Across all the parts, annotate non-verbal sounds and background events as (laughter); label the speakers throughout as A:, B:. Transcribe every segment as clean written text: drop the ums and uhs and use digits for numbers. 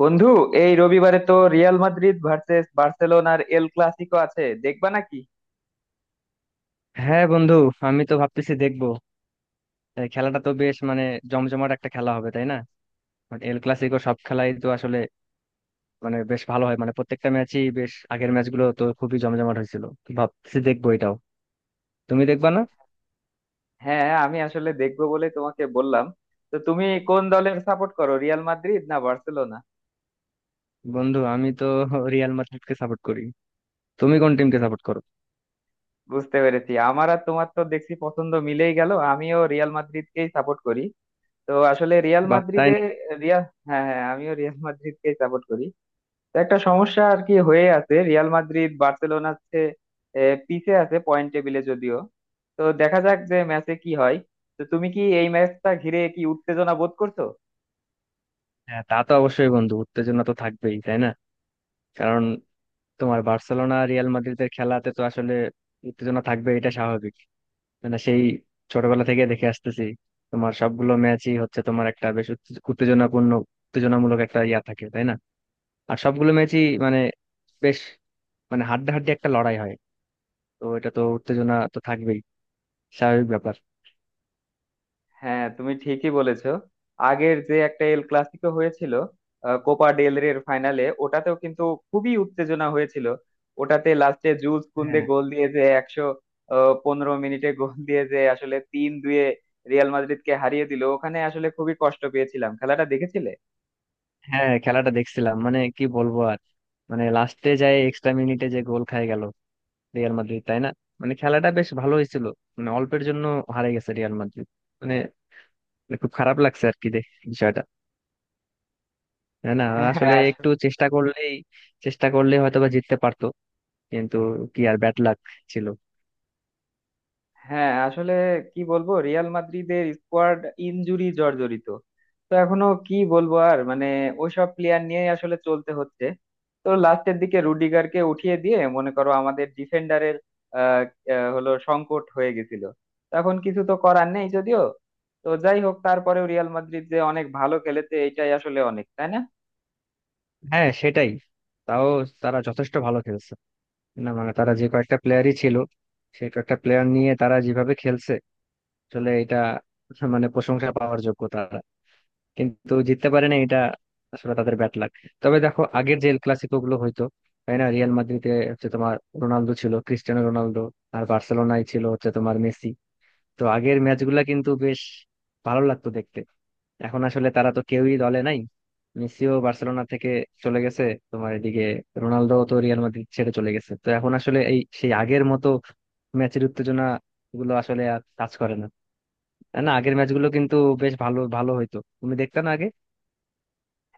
A: বন্ধু, এই রবিবারে তো রিয়াল মাদ্রিদ ভার্সেস বার্সেলোনার এল ক্লাসিকো আছে, দেখবা নাকি?
B: হ্যাঁ বন্ধু, আমি তো ভাবতেছি দেখবো। তাই খেলাটা তো বেশ, জমজমাট একটা খেলা হবে, তাই না? এল ক্লাসিকো সব খেলাই তো আসলে বেশ ভালো হয়, প্রত্যেকটা ম্যাচই বেশ, আগের ম্যাচগুলো তো খুবই জমজমাট হয়েছিল, তো ভাবতেছি দেখবো এটাও। তুমি দেখবা না?
A: হ্যাঁ, আমি আসলে দেখবো বলে তোমাকে বললাম। তো তুমি কোন দলের সাপোর্ট করো, রিয়াল মাদ্রিদ না বার্সেলোনা?
B: বন্ধু আমি তো রিয়াল মাদ্রিদকে সাপোর্ট করি। তুমি কোন টিমকে সাপোর্ট করো?
A: বুঝতে পেরেছি, আমার আর তোমার তো দেখছি পছন্দ মিলেই গেল, আমিও রিয়াল মাদ্রিদকেই সাপোর্ট করি। তো আসলে রিয়াল
B: বাহ, তাই
A: মাদ্রিদে
B: না!
A: রিয়াল, হ্যাঁ হ্যাঁ, আমিও রিয়াল মাদ্রিদকেই সাপোর্ট করি। তো একটা সমস্যা আর কি হয়ে আছে, রিয়াল মাদ্রিদ বার্সেলোনার চেয়ে পিছে আছে পয়েন্ট টেবিলে যদিও। তো দেখা যাক যে ম্যাচে কি হয়। তো তুমি কি এই ম্যাচটা ঘিরে কি উত্তেজনা বোধ করছো?
B: হ্যাঁ, তা তো অবশ্যই বন্ধু, উত্তেজনা তো থাকবেই, তাই না? কারণ তোমার বার্সেলোনা রিয়াল মাদ্রিদের খেলাতে তো আসলে উত্তেজনা থাকবে, এটা স্বাভাবিক। সেই ছোটবেলা থেকে দেখে আসতেছি, তোমার সবগুলো ম্যাচই হচ্ছে তোমার একটা বেশ উত্তেজনাপূর্ণ, উত্তেজনামূলক একটা ইয়া থাকে, তাই না? আর সবগুলো ম্যাচই বেশ, হাড্ডাহাড্ডি একটা লড়াই হয়। তো এটা তো উত্তেজনা তো থাকবেই, স্বাভাবিক ব্যাপার।
A: হ্যাঁ তুমি ঠিকই বলেছো, আগের যে একটা এল ক্লাসিকো হয়েছিল কোপা ডেল রের ফাইনালে, ওটাতেও কিন্তু খুবই উত্তেজনা হয়েছিল। ওটাতে লাস্টে জুস কুন্দে
B: হ্যাঁ,
A: গোল দিয়ে যে একশো পনেরো মিনিটে গোল দিয়ে যে আসলে 3-2 রিয়াল মাদ্রিদকে হারিয়ে দিল, ওখানে আসলে খুবই কষ্ট পেয়েছিলাম। খেলাটা দেখেছিলে?
B: খেলাটা দেখছিলাম, কি বলবো আর। লাস্টে যায় এক্সট্রা মিনিটে যে গোল খায় গেল রিয়াল মাদ্রিদ, তাই না? খেলাটা বেশ ভালো হয়েছিল, অল্পের জন্য হারে গেছে রিয়াল মাদ্রিদ। মানে খুব খারাপ লাগছে আর কি, দেখ বিষয়টা। না, না,
A: হ্যাঁ হ্যাঁ,
B: আসলে একটু চেষ্টা করলেই, চেষ্টা করলে হয়তো বা জিততে পারতো, কিন্তু কি আর, ব্যাড লাক ছিল।
A: হ্যাঁ আসলে কি বলবো, রিয়াল মাদ্রিদের স্কোয়াড ইনজুরি জর্জরিত। তো এখনো কি বলবো আর, মানে ওইসব প্লেয়ার নিয়েই আসলে চলতে হচ্ছে। তো লাস্টের দিকে রুডিগারকে উঠিয়ে দিয়ে মনে করো আমাদের ডিফেন্ডারের আহ আহ, হলো সংকট হয়ে গেছিল। তখন কিছু তো করার নেই যদিও। তো যাই হোক, তারপরেও রিয়াল মাদ্রিদ যে অনেক ভালো খেলেছে, এটাই আসলে অনেক, তাই না?
B: হ্যাঁ, সেটাই। তাও তারা যথেষ্ট ভালো খেলছে। না তারা যে কয়েকটা প্লেয়ারই ছিল, সেই কয়েকটা প্লেয়ার নিয়ে তারা যেভাবে খেলছে, আসলে এটা প্রশংসা পাওয়ার যোগ্য তারা। কিন্তু জিততে পারে না, এটা আসলে তাদের ব্যাড লাক। তবে দেখো, আগের যে এল ক্লাসিকো গুলো হইতো, তাই না? রিয়াল মাদ্রিদে হচ্ছে তোমার রোনালদো ছিল, ক্রিস্টিয়ানো রোনালদো, আর বার্সেলোনায় ছিল হচ্ছে তোমার মেসি। তো আগের ম্যাচগুলা কিন্তু বেশ ভালো লাগতো দেখতে। এখন আসলে তারা তো কেউই দলে নাই। মেসিও বার্সেলোনা থেকে চলে গেছে, তোমার এদিকে রোনালদো তো রিয়াল মাদ্রিদ ছেড়ে চলে গেছে। তো এখন আসলে এই সেই আগের মতো ম্যাচের উত্তেজনা গুলো আসলে আর কাজ করে না, তাই না? আগের ম্যাচগুলো কিন্তু বেশ ভালো ভালো হইতো, তুমি দেখতে না আগে?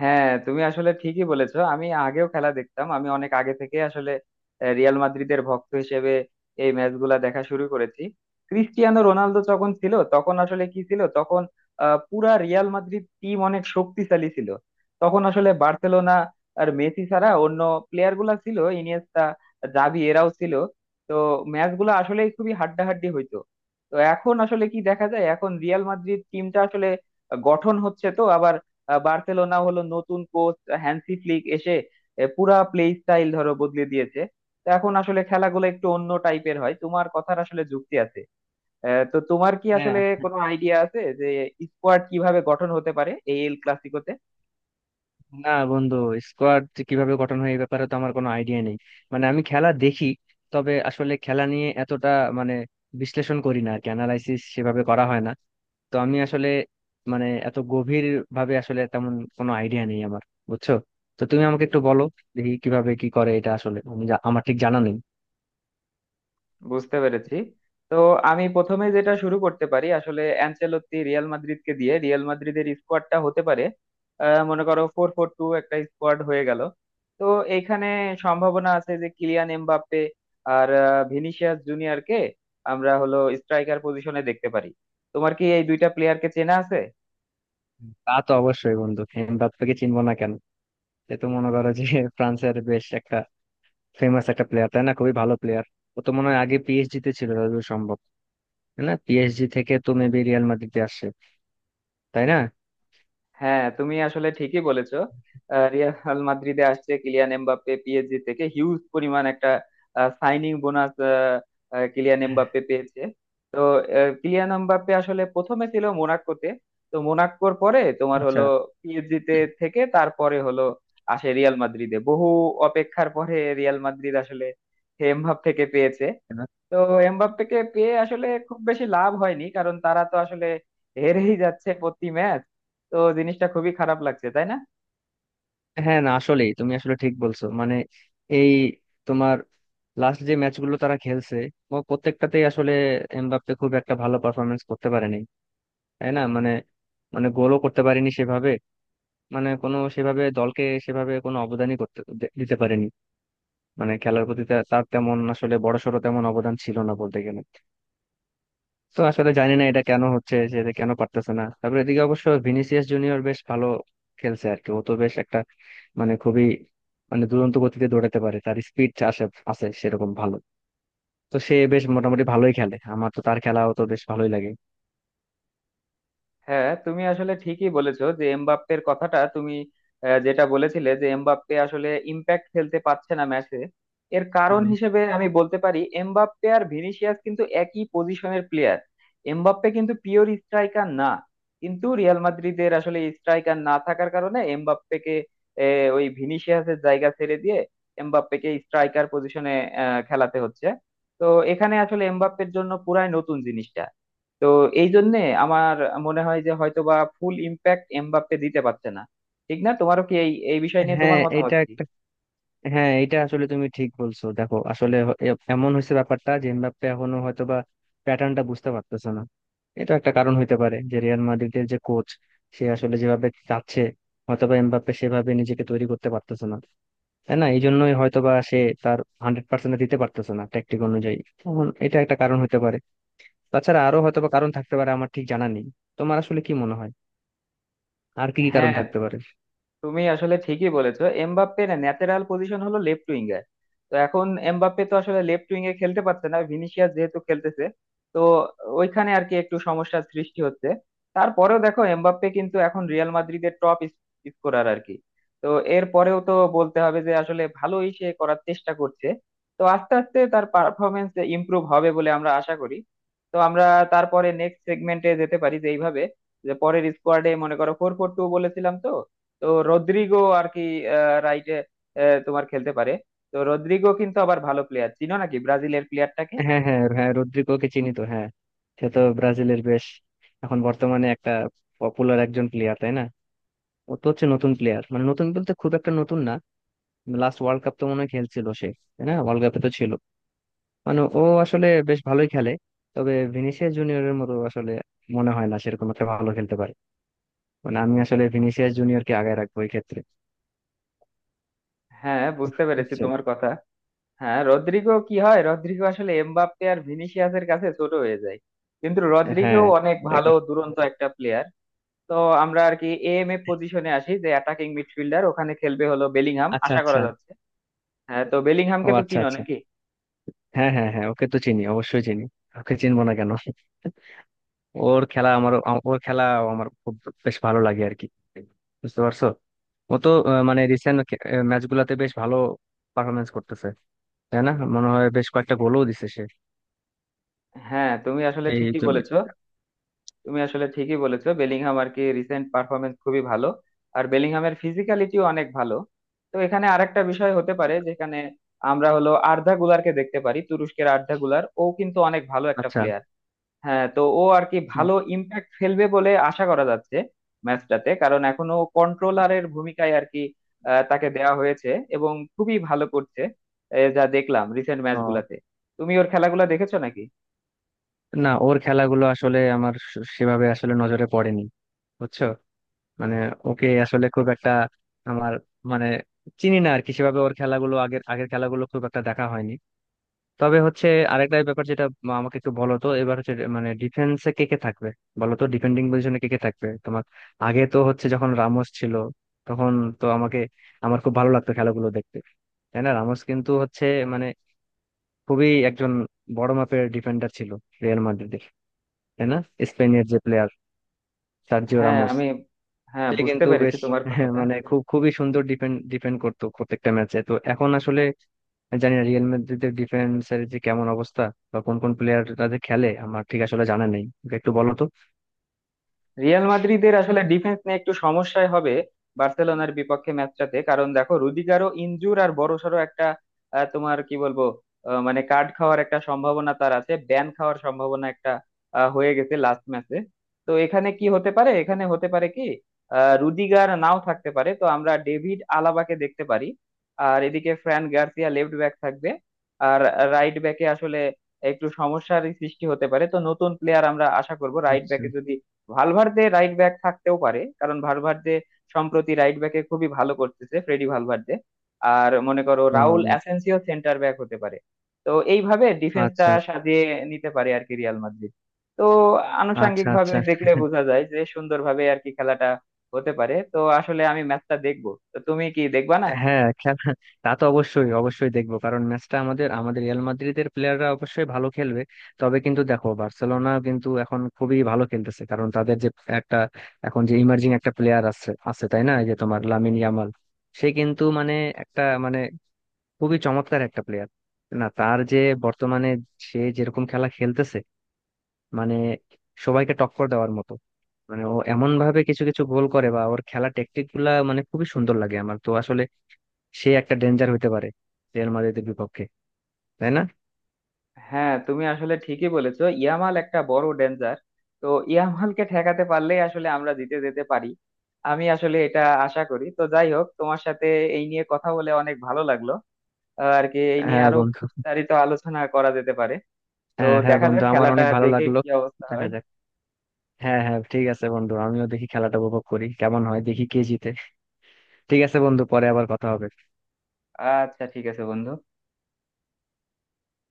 A: হ্যাঁ তুমি আসলে ঠিকই বলেছো, আমি আগেও খেলা দেখতাম, আমি অনেক আগে থেকে আসলে রিয়াল মাদ্রিদের ভক্ত হিসেবে এই ম্যাচগুলা দেখা শুরু করেছি। ক্রিস্টিয়ানো রোনালদো যখন ছিল তখন আসলে কি ছিল, তখন পুরা রিয়াল মাদ্রিদ টিম অনেক শক্তিশালী ছিল। তখন আসলে বার্সেলোনা আর মেসি ছাড়া অন্য প্লেয়ার গুলা ছিল ইনিয়েস্তা, জাভি, এরাও ছিল। তো ম্যাচ গুলো আসলে খুবই হাড্ডাহাড্ডি হইতো। তো এখন আসলে কি দেখা যায়, এখন রিয়াল মাদ্রিদ টিমটা আসলে গঠন হচ্ছে তো আবার। বার্সেলোনা হলো নতুন কোচ হ্যান্সি ফ্লিক এসে পুরা প্লে স্টাইল ধরো বদলে দিয়েছে। তো এখন আসলে খেলাগুলো একটু অন্য টাইপের হয়, তোমার কথার আসলে যুক্তি আছে। তো তোমার কি
B: হ্যাঁ,
A: আসলে কোনো আইডিয়া আছে যে স্কোয়াড কিভাবে গঠন হতে পারে এই এল ক্লাসিকোতে?
B: না বন্ধু, স্কোয়াড কিভাবে গঠন হয় এই ব্যাপারে তো আমার কোনো আইডিয়া নেই। আমি খেলা দেখি, তবে আসলে খেলা নিয়ে এতটা মানে বিশ্লেষণ করি না আর কি, অ্যানালাইসিস সেভাবে করা হয় না। তো আমি আসলে এত গভীর ভাবে আসলে তেমন কোনো আইডিয়া নেই আমার, বুঝছো? তো তুমি আমাকে একটু বলো, দেখি কিভাবে কি করে, এটা আসলে আমি আমার ঠিক জানা নেই।
A: বুঝতে পেরেছি। তো আমি প্রথমে যেটা শুরু করতে পারি, আসলে অ্যানচেলত্তি রিয়াল মাদ্রিদকে দিয়ে রিয়াল মাদ্রিদের স্কোয়াডটা হতে পারে মনে করো 4-4-2 একটা স্কোয়াড হয়ে গেল। তো এখানে সম্ভাবনা আছে যে কিলিয়ান এমবাপ্পে আর ভিনিসিয়াস জুনিয়রকে আমরা হলো স্ট্রাইকার পজিশনে দেখতে পারি। তোমার কি এই দুইটা প্লেয়ারকে চেনা আছে?
B: তা তো অবশ্যই বন্ধু, এমবাপ্পেকে চিনবো না কেন? এ তো মনে করো যে (laughs) ফ্রান্সের বেশ একটা ফেমাস একটা প্লেয়ার, তাই না? খুবই ভালো প্লেয়ার। ও তো মনে হয় আগে পিএসজি তে ছিল, যতদূর সম্ভব। তাই না? পিএসজি থেকে তো মেবি রিয়াল মাদ্রিদে আসছে, তাই না?
A: হ্যাঁ তুমি আসলে ঠিকই বলেছো, রিয়াল মাদ্রিদে আসছে কিলিয়ান এমবাপ্পে পিএসজি থেকে, হিউজ পরিমাণ একটা সাইনিং বোনাস কিলিয়ান এমবাপ্পে পেয়েছে। তো কিলিয়ান এমবাপ্পে আসলে প্রথমে ছিল মোনাকোতে। তো মোনাকোর পরে তোমার
B: আচ্ছা।
A: হলো পিএসজি তে থেকে তারপরে হলো আসে রিয়াল মাদ্রিদে, বহু অপেক্ষার পরে রিয়াল মাদ্রিদ আসলে এমবাপ্পেকে পেয়েছে। তো এমবাপ্পেকে পেয়ে আসলে খুব বেশি লাভ হয়নি, কারণ তারা তো আসলে হেরেই যাচ্ছে প্রতি ম্যাচ। তো জিনিসটা খুবই খারাপ লাগছে, তাই না?
B: হ্যাঁ, না আসলেই তুমি আসলে ঠিক বলছো। এই তোমার লাস্ট যে ম্যাচগুলো তারা খেলছে, ও প্রত্যেকটাতেই আসলে এমবাপ্পে খুব একটা ভালো পারফরমেন্স করতে পারেনি, তাই না? মানে মানে গোলও করতে পারেনি সেভাবে, কোনো সেভাবে দলকে সেভাবে কোনো অবদানই করতে দিতে পারেনি। খেলার প্রতি তার তেমন আসলে বড়সড় তেমন অবদান ছিল না বলতে গেলে। তো আসলে জানি না এটা কেন হচ্ছে, যে এটা কেন পারতেছে না। তারপরে এদিকে অবশ্য ভিনিসিয়াস জুনিয়র বেশ ভালো খেলছে আর কি। ও তো বেশ একটা খুবই দুরন্ত গতিতে দৌড়াতে পারে, তার স্পিড আসে, আছে সেরকম ভালো। তো সে বেশ মোটামুটি ভালোই খেলে। আমার তো তার খেলাও তো বেশ ভালোই লাগে।
A: হ্যাঁ তুমি আসলে ঠিকই বলেছো যে এমবাপ্পের কথাটা তুমি যেটা বলেছিলে যে এমবাপ্পে আসলে ইম্প্যাক্ট খেলতে পারছে না ম্যাচে। এর কারণ
B: হুম।
A: হিসেবে আমি বলতে পারি, এমবাপ্পে আর ভিনিসিয়াস কিন্তু একই পজিশনের প্লেয়ার। এমবাপ্পে কিন্তু পিওর স্ট্রাইকার না, কিন্তু রিয়াল মাদ্রিদের আসলে স্ট্রাইকার না থাকার কারণে এমবাপ্পেকে ওই ভিনিসিয়াসের জায়গা ছেড়ে দিয়ে এমবাপ্পেকে স্ট্রাইকার পজিশনে খেলাতে হচ্ছে। তো এখানে আসলে এমবাপ্পের জন্য পুরাই নতুন জিনিস। তো এই জন্যে আমার মনে হয় যে হয়তোবা ফুল ইম্প্যাক্ট এমবাপ্পে দিতে পারছে না, ঠিক না? তোমারও কি এই এই বিষয় নিয়ে
B: হ্যাঁ
A: তোমার মতামত
B: এটা
A: কি?
B: হ্যাঁ এটা আসলে তুমি ঠিক বলছো। দেখো আসলে এমন হয়েছে ব্যাপারটা, যে এমবাপ্পে এখনো হয়তোবা প্যাটার্নটা বুঝতে পারতেছে না। এটা একটা কারণ হইতে পারে, যে রিয়াল মাদ্রিদের যে কোচ, সে আসলে যেভাবে চাচ্ছে, হয়তোবা এমবাপ্পে সেভাবে নিজেকে তৈরি করতে পারতেছে না, তাই না? এই জন্যই হয়তোবা সে তার হান্ড্রেড পার্সেন্ট দিতে পারতেছে না ট্যাকটিক অনুযায়ী। তখন এটা একটা কারণ হইতে পারে। তাছাড়া আরো হয়তোবা কারণ থাকতে পারে, আমার ঠিক জানা নেই। তোমার আসলে কি মনে হয়, আর কি কি কারণ
A: হ্যাঁ
B: থাকতে পারে?
A: তুমি আসলে ঠিকই বলেছো, এমবাপ্পের ন্যাচারাল পজিশন হলো লেফট উইং এ। তো এখন এমবাপ্পে তো আসলে লেফট উইং এ খেলতে পারছে না, ভিনিসিয়াস যেহেতু খেলতেছে। তো ওইখানে আর কি একটু সমস্যার সৃষ্টি হচ্ছে। তারপরেও দেখো, এমবাপ্পে কিন্তু এখন রিয়াল মাদ্রিদের টপ স্কোরার আর কি। তো এর পরেও তো বলতে হবে যে আসলে ভালোই সে করার চেষ্টা করছে। তো আস্তে আস্তে তার পারফরমেন্স ইমপ্রুভ হবে বলে আমরা আশা করি। তো আমরা তারপরে নেক্সট সেগমেন্টে যেতে পারি, যে এইভাবে যে পরের স্কোয়াডে মনে করো ফোর ফোর টু বলেছিলাম তো, তো রদ্রিগো আর কি রাইটে তোমার খেলতে পারে। তো রদ্রিগো কিন্তু আবার ভালো প্লেয়ার, চিনো নাকি ব্রাজিলের প্লেয়ারটাকে?
B: হ্যাঁ, হ্যাঁ হ্যাঁ রদ্রিগোকে চিনি তো, হ্যাঁ। সে তো ব্রাজিলের বেশ এখন বর্তমানে একটা পপুলার একজন প্লেয়ার, তাই না? ও তো হচ্ছে নতুন প্লেয়ার, মানে নতুন বলতে খুব একটা নতুন না। লাস্ট ওয়ার্ল্ড কাপ তো মনে হয় খেলছিল সে, তাই না? ওয়ার্ল্ড কাপে তো ছিল। ও আসলে বেশ ভালোই খেলে। তবে ভিনিসিয়াস জুনিয়রের মতো আসলে মনে হয় না সেরকম একটা ভালো খেলতে পারে। আমি আসলে ভিনিসিয়াস জুনিয়রকে আগায় রাখবো এই ক্ষেত্রে,
A: হ্যাঁ বুঝতে পেরেছি
B: বুঝছো?
A: তোমার কথা। হ্যাঁ রদ্রিগো কি হয়, রদ্রিগো আসলে এমবাপ্পে আর ভিনিসিয়াসের কাছে ছোট হয়ে যায়, কিন্তু রদ্রিগো
B: হ্যাঁ,
A: অনেক
B: দেখবে।
A: ভালো দুরন্ত একটা প্লেয়ার। তো আমরা আর কি এএম এ পজিশনে আসি, যে অ্যাটাকিং মিডফিল্ডার ওখানে খেলবে হলো বেলিংহাম
B: আচ্ছা,
A: আশা করা
B: আচ্ছা।
A: যাচ্ছে। হ্যাঁ, তো
B: ও
A: বেলিংহামকে তো
B: আচ্ছা,
A: চিনো
B: আচ্ছা।
A: নাকি?
B: হ্যাঁ, হ্যাঁ হ্যাঁ ওকে তো চিনি, অবশ্যই চিনি। ওকে চিনবো না কেন? ওর খেলা আমার ওর খেলা আমার খুব বেশ ভালো লাগে আর কি, বুঝতে পারছো? ও তো রিসেন্ট ম্যাচ গুলাতে বেশ ভালো পারফরমেন্স করতেছে, তাই না? মনে হয় বেশ কয়েকটা গোলও দিছে সে।
A: হ্যাঁ তুমি আসলে
B: এই
A: ঠিকই
B: তুমি
A: বলেছো, তুমি আসলে ঠিকই বলেছো, বেলিংহাম আর কি রিসেন্ট পারফরমেন্স খুবই ভালো। আর বেলিংহামের ফিজিক্যালিটিও অনেক ভালো। তো এখানে আরেকটা বিষয় হতে পারে যেখানে আমরা হলো আর্ধা গুলারকে দেখতে পারি, তুরস্কের আর্ধা গুলার, ও কিন্তু অনেক ভালো একটা
B: আচ্ছা।
A: প্লেয়ার। হ্যাঁ, তো ও আর কি
B: হুম।
A: ভালো ইম্প্যাক্ট ফেলবে বলে আশা করা যাচ্ছে ম্যাচটাতে, কারণ এখনো কন্ট্রোলারের ভূমিকায় আর কি তাকে দেওয়া হয়েছে এবং খুবই ভালো করছে যা দেখলাম রিসেন্ট
B: ও,
A: ম্যাচগুলাতে। তুমি ওর খেলাগুলো দেখেছো নাকি?
B: না, ওর খেলাগুলো আসলে আমার সেভাবে আসলে নজরে পড়েনি, বুঝছো? মানে ওকে আসলে খুব একটা আমার মানে চিনি না আর কি সেভাবে। ওর খেলাগুলো আগের আগের খেলাগুলো খুব একটা দেখা হয়নি। তবে হচ্ছে আরেকটা ব্যাপার যেটা, আমাকে একটু বলো তো এবার হচ্ছে, ডিফেন্সে কে কে থাকবে? বলো তো, ডিফেন্ডিং পজিশনে কে কে থাকবে তোমার? আগে তো হচ্ছে যখন রামোস ছিল তখন, তো আমাকে, আমার খুব ভালো লাগতো খেলাগুলো দেখতে, তাই না? রামোস কিন্তু হচ্ছে মানে খুবই একজন বড় মাপের ডিফেন্ডার ছিল রিয়াল মাদ্রিদের, তাই না? স্পেনের যে প্লেয়ার, সার্জিও
A: হ্যাঁ
B: রামোস,
A: আমি হ্যাঁ
B: সে
A: বুঝতে
B: কিন্তু
A: পেরেছি
B: বেশ
A: তোমার
B: (laughs)
A: কথাটা।
B: খুব খুবই সুন্দর ডিফেন্ড ডিফেন্ড করতো প্রত্যেকটা ম্যাচে। তো এখন আসলে আমি জানি না রিয়াল মাদ্রিদের ডিফেন্স এর যে কেমন অবস্থা, বা কোন কোন প্লেয়াররা যে খেলে, আমার ঠিক আসলে জানা নেই। একটু বলো তো।
A: রিয়াল মাদ্রিদের আসলে ডিফেন্স নিয়ে একটু সমস্যায় হবে বার্সেলোনার বিপক্ষে ম্যাচটাতে, কারণ দেখো রুদিগারও ইনজুর, আর বড়সড় একটা তোমার কি বলবো মানে কার্ড খাওয়ার একটা সম্ভাবনা তার আছে, ব্যান খাওয়ার সম্ভাবনা একটা হয়ে গেছে লাস্ট ম্যাচে। তো এখানে কি হতে পারে, এখানে হতে পারে কি রুদিগার নাও থাকতে পারে, তো আমরা ডেভিড আলাবাকে দেখতে পারি। আর এদিকে ফ্রান গার্সিয়া লেফট ব্যাক থাকবে। আর রাইট ব্যাকে আসলে একটু সমস্যার সৃষ্টি হতে পারে। তো নতুন প্লেয়ার আমরা আশা করব রাইট
B: আচ্ছা।
A: ব্যাকে, যদি ভালভার্দে রাইট ব্যাক থাকতেও পারে, কারণ ভালভার্দে সম্প্রতি রাইট ব্যাকে খুবই ভালো করতেছে, ফ্রেডি ভালভার্দে। আর মনে করো রাউল
B: উম,
A: অ্যাসেন্সিও সেন্টার ব্যাক হতে পারে। তো এইভাবে ডিফেন্সটা
B: আচ্ছা,
A: সাজিয়ে নিতে পারে আর কি রিয়াল মাদ্রিদ। তো আনুষাঙ্গিক
B: আচ্ছা।
A: ভাবে
B: আচ্ছা,
A: দেখলে বোঝা যায় যে সুন্দরভাবে আর কি খেলাটা হতে পারে। তো আসলে আমি ম্যাচটা দেখবো, তো তুমি কি দেখবা না?
B: হ্যাঁ খেলা, তা তো অবশ্যই, অবশ্যই দেখবো, কারণ ম্যাচটা আমাদের আমাদের রিয়াল মাদ্রিদের প্লেয়াররা অবশ্যই ভালো খেলবে। তবে কিন্তু দেখো, বার্সেলোনা কিন্তু এখন খুবই ভালো খেলতেছে, কারণ তাদের যে একটা এখন যে ইমার্জিং একটা প্লেয়ার আছে আছে, তাই না? এই যে তোমার লামিন ইয়ামাল, সে কিন্তু একটা খুবই চমৎকার একটা প্লেয়ার। না, তার যে বর্তমানে সে যেরকম খেলা খেলতেছে, মানে সবাইকে টক্কর দেওয়ার মতো। ও এমন ভাবে কিছু কিছু গোল করে, বা ওর খেলা টেকটিক গুলা খুবই সুন্দর লাগে আমার। তো আসলে সে একটা ডেঞ্জার হতে পারে রিয়াল মাদ্রিদের বিপক্ষে, তাই না?
A: হ্যাঁ তুমি আসলে ঠিকই বলেছো, ইয়ামাল একটা বড় ডেঞ্জার। তো ইয়ামালকে ঠেকাতে পারলেই আসলে আমরা জিতে যেতে পারি, আমি আসলে এটা আশা করি। তো যাই হোক, তোমার সাথে এই নিয়ে কথা বলে অনেক ভালো লাগলো। আর কি এই নিয়ে
B: হ্যাঁ
A: আরো
B: বন্ধু,
A: বিস্তারিত আলোচনা করা যেতে পারে। তো
B: হ্যাঁ হ্যাঁ
A: দেখা যাক
B: বন্ধু আমার
A: খেলাটা
B: অনেক ভালো
A: দেখে
B: লাগলো।
A: কি অবস্থা
B: দেখা
A: হয়।
B: যাক। হ্যাঁ, ঠিক আছে বন্ধু, আমিও দেখি খেলাটা উপভোগ করি, কেমন হয় দেখি, কে জিতে। ঠিক আছে বন্ধু, পরে আবার কথা হবে।
A: আচ্ছা, ঠিক আছে বন্ধু।